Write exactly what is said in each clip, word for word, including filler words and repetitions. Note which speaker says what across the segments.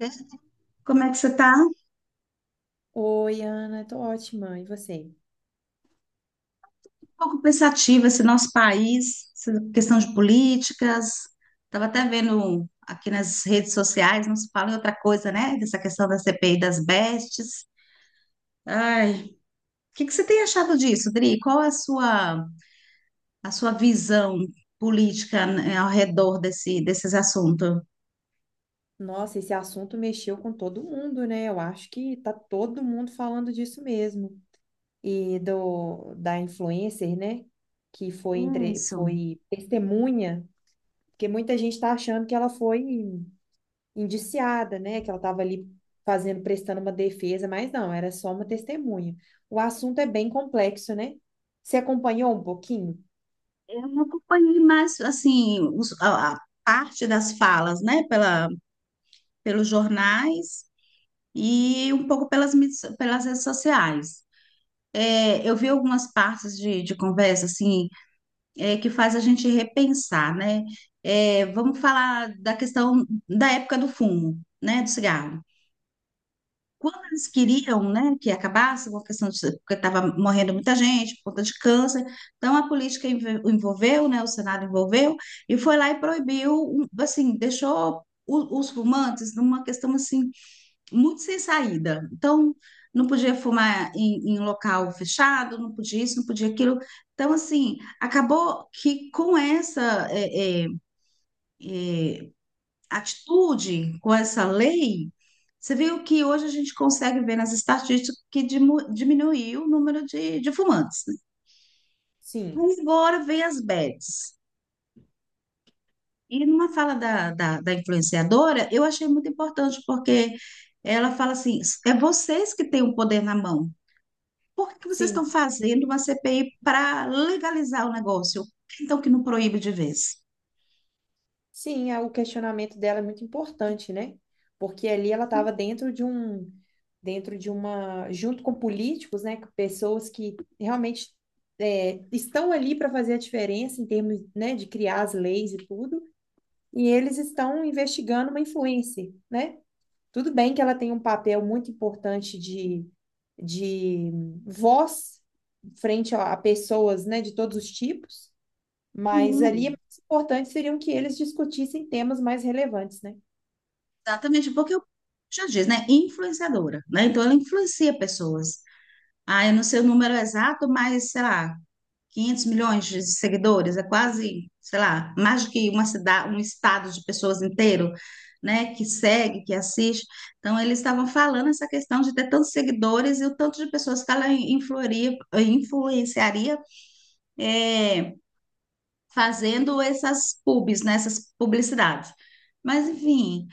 Speaker 1: Né? Como é que você está? Um
Speaker 2: Oi, Ana, tô ótima. E você?
Speaker 1: pouco pensativa esse nosso país, essa questão de políticas. Estava até vendo aqui nas redes sociais, não se fala em outra coisa, né? Dessa questão da C P I das bestes. Ai, o que que você tem achado disso, Dri? Qual é a sua, a sua visão política, né, ao redor desse, desses assuntos?
Speaker 2: Nossa, esse assunto mexeu com todo mundo, né? Eu acho que tá todo mundo falando disso mesmo. E do da influencer, né? Que foi entre,
Speaker 1: Isso.
Speaker 2: foi testemunha, porque muita gente tá achando que ela foi indiciada, né? Que ela tava ali fazendo, prestando uma defesa, mas não, era só uma testemunha. O assunto é bem complexo, né? Você acompanhou um pouquinho?
Speaker 1: Eu não acompanhei mais, assim, os- a, a parte das falas, né, pela, pelos jornais, e um pouco pelas, mídias- pelas redes sociais. É, eu vi algumas partes de, de conversa assim, é, que faz a gente repensar, né? É, vamos falar da questão da época do fumo, né? Do cigarro. Quando eles queriam, né, que acabasse com a questão de, porque estava morrendo muita gente por conta de câncer, então a política env- envolveu, né, o Senado envolveu e foi lá e proibiu, um, assim, deixou o- os fumantes numa questão assim muito sem saída. Então, não podia fumar em, em local fechado, não podia isso, não podia aquilo. Então, assim, acabou que com essa é, é, é, atitude, com essa lei, você viu que hoje a gente consegue ver nas estatísticas que dimu- diminuiu o número de, de fumantes, né?
Speaker 2: Sim,
Speaker 1: Mas agora vem as bets. E numa fala da, da, da influenciadora, eu achei muito importante, porque ela fala assim: é vocês que têm o poder na mão. Por que vocês
Speaker 2: sim.
Speaker 1: estão fazendo uma C P I para legalizar o negócio? Então, que não proíbe de vez.
Speaker 2: Sim, a- o questionamento dela é muito importante, né? Porque ali ela estava dentro de um, dentro de uma, junto com políticos, né? Com pessoas que realmente é, estão ali para fazer a diferença em termos, né, de criar as leis e tudo, e eles estão investigando uma influência, né? Tudo bem que ela tem um papel muito importante de, de voz frente a a pessoas, né, de todos os tipos, mas ali, é
Speaker 1: Hum.
Speaker 2: mais importante seriam que eles discutissem temas mais relevantes, né?
Speaker 1: Exatamente, porque eu já diz, né? Influenciadora, né? Então, ela influencia pessoas. Ah, eu não sei o número exato, mas, sei lá, 500 milhões de seguidores, é quase, sei lá, mais do que uma cidade, um estado de pessoas inteiro, né? Que segue, que assiste. Então, eles estavam falando essa questão de ter tantos seguidores e o tanto de pessoas que ela influiria, influenciaria, eh, fazendo essas pubs, né, essas publicidades. Mas, enfim,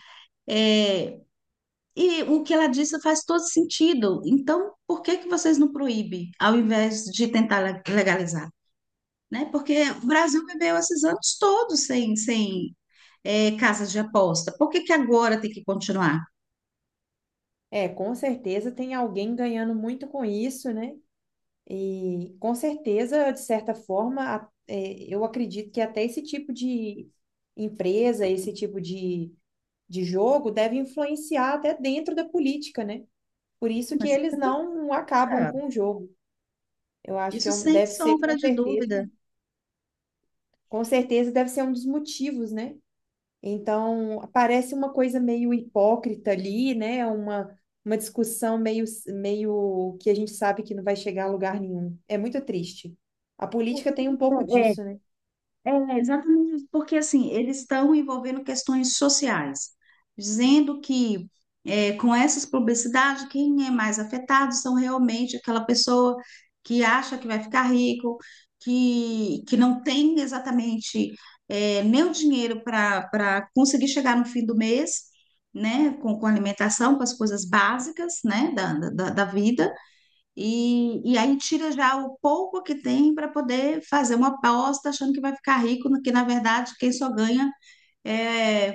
Speaker 1: é, e o que ela disse faz todo sentido. Então, por que que vocês não proíbem, ao invés de tentar le- legalizar? Né? Porque o Brasil viveu esses anos todos sem, sem é, casas de aposta. Por que que agora tem que continuar?
Speaker 2: É, com certeza tem alguém ganhando muito com isso, né? E com certeza, de certa forma, a- é, eu acredito que até esse tipo de empresa, esse tipo de, de jogo deve influenciar até dentro da política, né? Por isso que
Speaker 1: Mas,
Speaker 2: eles não acabam
Speaker 1: é,
Speaker 2: com o jogo. Eu acho que
Speaker 1: isso
Speaker 2: é um-
Speaker 1: sem
Speaker 2: deve ser,
Speaker 1: sombra
Speaker 2: com
Speaker 1: de
Speaker 2: certeza,
Speaker 1: dúvida.
Speaker 2: com certeza deve ser um dos motivos, né? Então, parece uma coisa meio hipócrita ali, né? Uma, uma discussão meio, meio que a gente sabe que não vai chegar a lugar nenhum. É muito triste. A política tem um pouco disso, né?
Speaker 1: É, exatamente, isso, porque assim, eles estão envolvendo questões sociais, dizendo que é, com essas publicidades, quem é mais afetado são realmente aquela pessoa que acha que vai ficar rico, que, que não tem exatamente é, nem o dinheiro para para conseguir chegar no fim do mês, né, com, com alimentação, com as coisas básicas, né, da, da, da vida e, e aí tira já o pouco que tem para poder fazer uma aposta achando que vai ficar rico, no que na verdade quem só ganha é,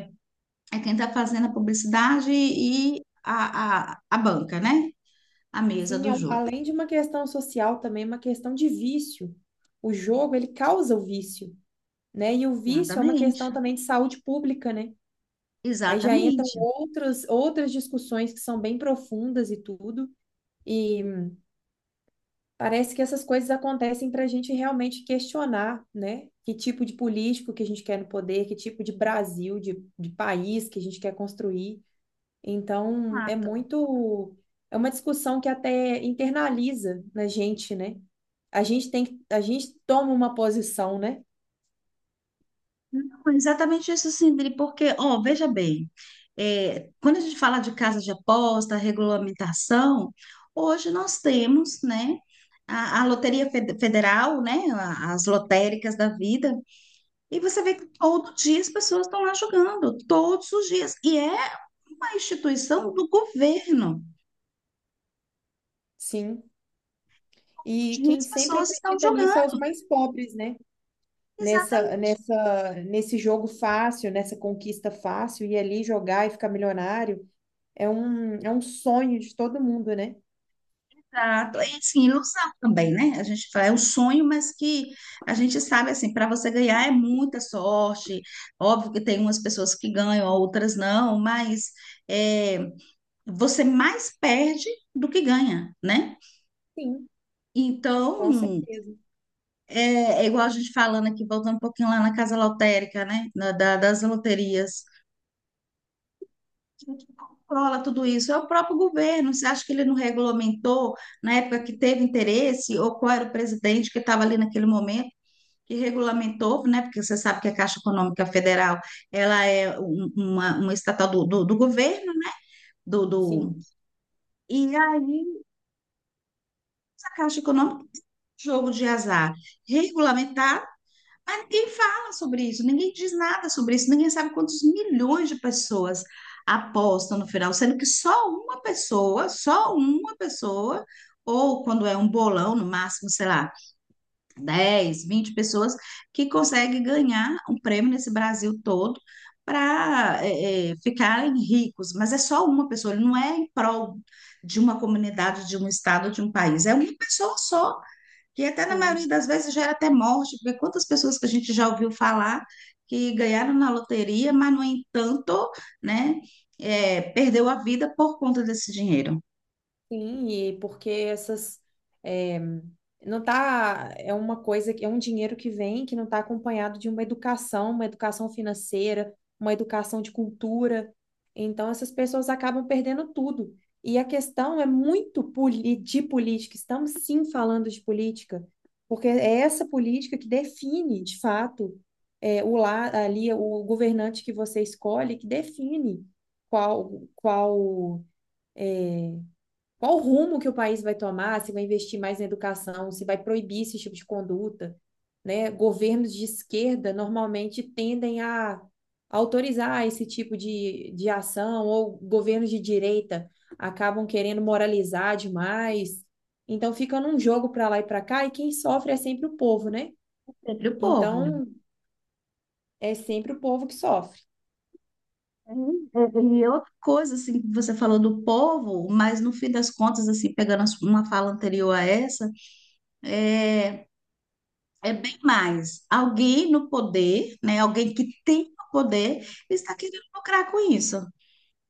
Speaker 1: é quem está fazendo a publicidade e a, a, a banca, né? A mesa
Speaker 2: Sim,
Speaker 1: do
Speaker 2: é um-
Speaker 1: jogo.
Speaker 2: além de uma questão social, também é uma questão de vício. O jogo, ele causa o vício, né? E o vício é uma questão
Speaker 1: Exatamente,
Speaker 2: também de saúde pública, né? Aí já entram
Speaker 1: exatamente.
Speaker 2: outras, outras discussões que são bem profundas e tudo. E parece que essas coisas acontecem para a gente realmente questionar, né? Que tipo de político que a gente quer no poder, que tipo de Brasil, de, de país que a gente quer construir. Então, é
Speaker 1: Exato.
Speaker 2: muito. É uma discussão que até internaliza na gente, né? A gente tem que, a gente toma uma posição, né?
Speaker 1: Não, exatamente isso, Sindri, porque, ó, veja bem, é, quando a gente fala de casa de aposta, regulamentação, hoje nós temos, né, a, a Loteria Fed- Federal, né, a- as lotéricas da vida, e você vê que todo dia as pessoas estão lá jogando, todos os dias, e é uma instituição do governo,
Speaker 2: Sim. E
Speaker 1: onde
Speaker 2: quem
Speaker 1: as
Speaker 2: sempre
Speaker 1: pessoas estão
Speaker 2: acredita
Speaker 1: jogando.
Speaker 2: nisso é os mais pobres, né? Nessa, nessa, nesse jogo fácil, nessa conquista fácil, e ali jogar e ficar milionário. É um, é um sonho de todo mundo, né?
Speaker 1: Exato. É assim, ilusão também, né? A gente fala, é um sonho, mas que a gente sabe, assim, para você ganhar é muita sorte. Óbvio que tem umas pessoas que ganham, outras não, mas é, você mais perde do que ganha, né?
Speaker 2: Sim,
Speaker 1: Então,
Speaker 2: com certeza.
Speaker 1: é, é igual a gente falando aqui, voltando um pouquinho lá na casa lotérica, né? Na- da- das loterias. Quem que controla tudo isso? É o próprio governo. Você acha que ele não regulamentou na época que teve interesse, ou qual era o presidente que estava ali naquele momento? Que regulamentou, né? Porque você sabe que a Caixa Econômica Federal ela é um- uma, uma estatal do, do, do governo, né? Do,
Speaker 2: Sim,
Speaker 1: do... E aí, a Caixa Econômica, jogo de azar, regulamentar. Mas ninguém fala sobre isso, ninguém diz nada sobre isso, ninguém sabe quantos milhões de pessoas apostam no final, sendo que só uma pessoa, só uma pessoa, ou quando é um bolão, no máximo, sei lá, dez, vinte pessoas, que consegue ganhar um prêmio nesse Brasil todo para ficarem ricos. Mas é só uma pessoa, ele não é em prol de uma comunidade, de um estado, de um país, é uma pessoa só que até na maioria
Speaker 2: sim.
Speaker 1: das vezes gera até morte, porque quantas pessoas que a gente já ouviu falar que ganharam na loteria, mas, no entanto, né, é, perdeu a vida por conta desse dinheiro.
Speaker 2: Sim, e porque essas é, não tá é uma coisa que é um dinheiro que vem que não está acompanhado de uma educação, uma educação financeira, uma educação de cultura. Então essas pessoas acabam perdendo tudo. E a questão é muito poli- de política. Estamos sim falando de política, porque é essa política que define, de fato, é, o lá ali o governante que você escolhe, que define qual qual qual o rumo que o país vai tomar, se vai investir mais na educação, se vai proibir esse tipo de conduta, né? Governos de esquerda normalmente tendem a autorizar esse tipo de, de ação, ou governos de direita acabam querendo moralizar demais. Então fica num jogo para lá e para cá, e quem sofre é sempre o povo, né?
Speaker 1: Sempre o povo.
Speaker 2: Então é sempre o povo que sofre.
Speaker 1: E é outra coisa, assim, que você falou do povo, mas no fim das contas, assim, pegando uma fala anterior a essa, é, é bem mais. Alguém no poder, né, alguém que tem o poder, está querendo lucrar com isso.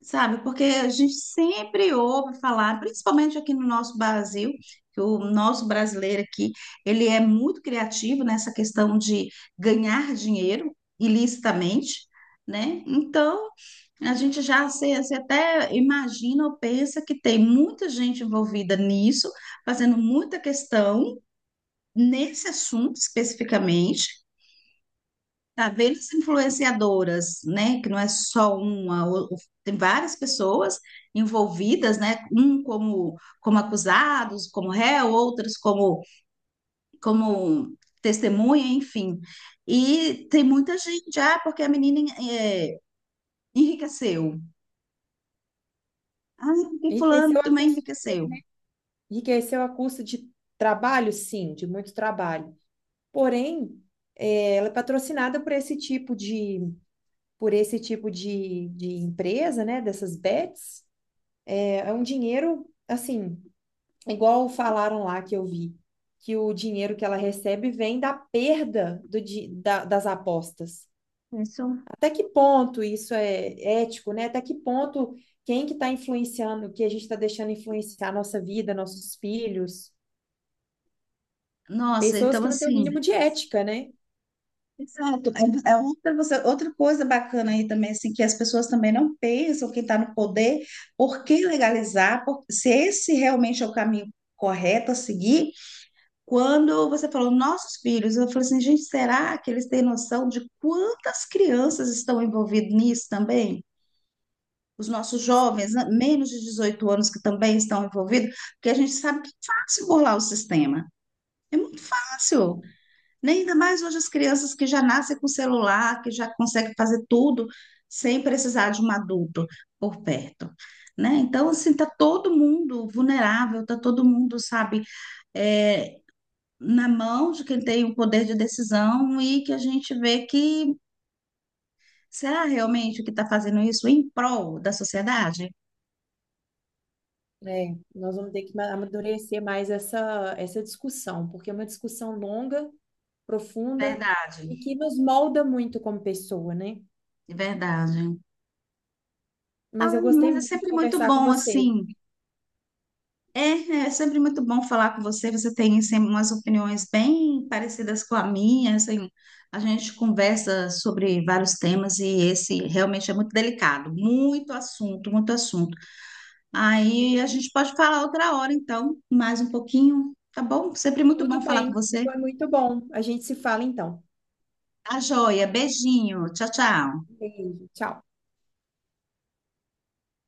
Speaker 1: Sabe, porque a gente sempre ouve falar, principalmente aqui no nosso Brasil, que o nosso brasileiro aqui, ele é muito criativo nessa questão de ganhar dinheiro ilicitamente, né? Então, a gente já se, se até imagina ou pensa que tem muita gente envolvida nisso, fazendo muita questão nesse assunto especificamente. Tá vendo as influenciadoras, né? Que não é só uma, o- o- tem várias pessoas envolvidas, né? Um como, como acusados, como réu, outras como, como testemunha, enfim. E tem muita gente, ah, porque a menina eh, enriqueceu. Ah, porque fulano
Speaker 2: Enriqueceu a
Speaker 1: também
Speaker 2: custo de,
Speaker 1: enriqueceu.
Speaker 2: enriqueceu a custo de trabalho? Sim, de muito trabalho. Porém, é, ela é patrocinada por esse tipo de, por esse tipo de, de empresa, né? Dessas bets. É, é um dinheiro, assim, igual falaram lá que eu vi, que o dinheiro que ela recebe vem da perda do, di- da- das apostas.
Speaker 1: Isso.
Speaker 2: Até que ponto isso é ético, né? Até que ponto quem que está influenciando, que a gente está deixando influenciar a nossa vida, nossos filhos,
Speaker 1: Nossa,
Speaker 2: pessoas
Speaker 1: então
Speaker 2: que não têm o
Speaker 1: assim.
Speaker 2: mínimo de ética, né?
Speaker 1: Exato. É é outra, você- outra coisa bacana aí também, assim, que as pessoas também não pensam, quem está no poder, por que legalizar? Por- se esse realmente é o caminho correto a seguir, quando você falou nossos filhos, eu falei assim, gente, será que eles têm noção de quantas crianças estão envolvidas nisso também? Os nossos jovens, né, menos de dezoito anos, que também estão envolvidos, porque a gente sabe que é fácil burlar o sistema. É muito fácil,
Speaker 2: Sim.
Speaker 1: né? Ainda mais hoje as crianças que já nascem com celular, que já conseguem fazer tudo sem precisar de um adulto por perto. Né? Então, assim, tá todo mundo vulnerável, tá todo mundo, sabe, é, na mão de quem tem o poder de decisão e que a gente vê que será realmente que está fazendo isso em prol da sociedade?
Speaker 2: É, nós vamos ter que ma- amadurecer mais essa, essa discussão, porque é uma discussão longa, profunda
Speaker 1: Verdade,
Speaker 2: e que nos molda muito como pessoa, né?
Speaker 1: verdade.
Speaker 2: Mas
Speaker 1: Ah,
Speaker 2: eu gostei
Speaker 1: mas é
Speaker 2: muito de
Speaker 1: sempre muito
Speaker 2: conversar com
Speaker 1: bom,
Speaker 2: você.
Speaker 1: assim, é, é sempre muito bom falar com você. Você tem sempre umas opiniões bem parecidas com a minha. Assim, a gente conversa sobre vários temas e esse realmente é muito delicado, muito assunto, muito assunto. Aí a gente pode falar outra hora, então, mais um pouquinho, tá bom? Sempre muito bom
Speaker 2: Tudo
Speaker 1: falar com
Speaker 2: bem,
Speaker 1: você.
Speaker 2: foi muito bom. A gente se fala então.
Speaker 1: Tá joia, beijinho, tchau, tchau.
Speaker 2: Beijo, tchau.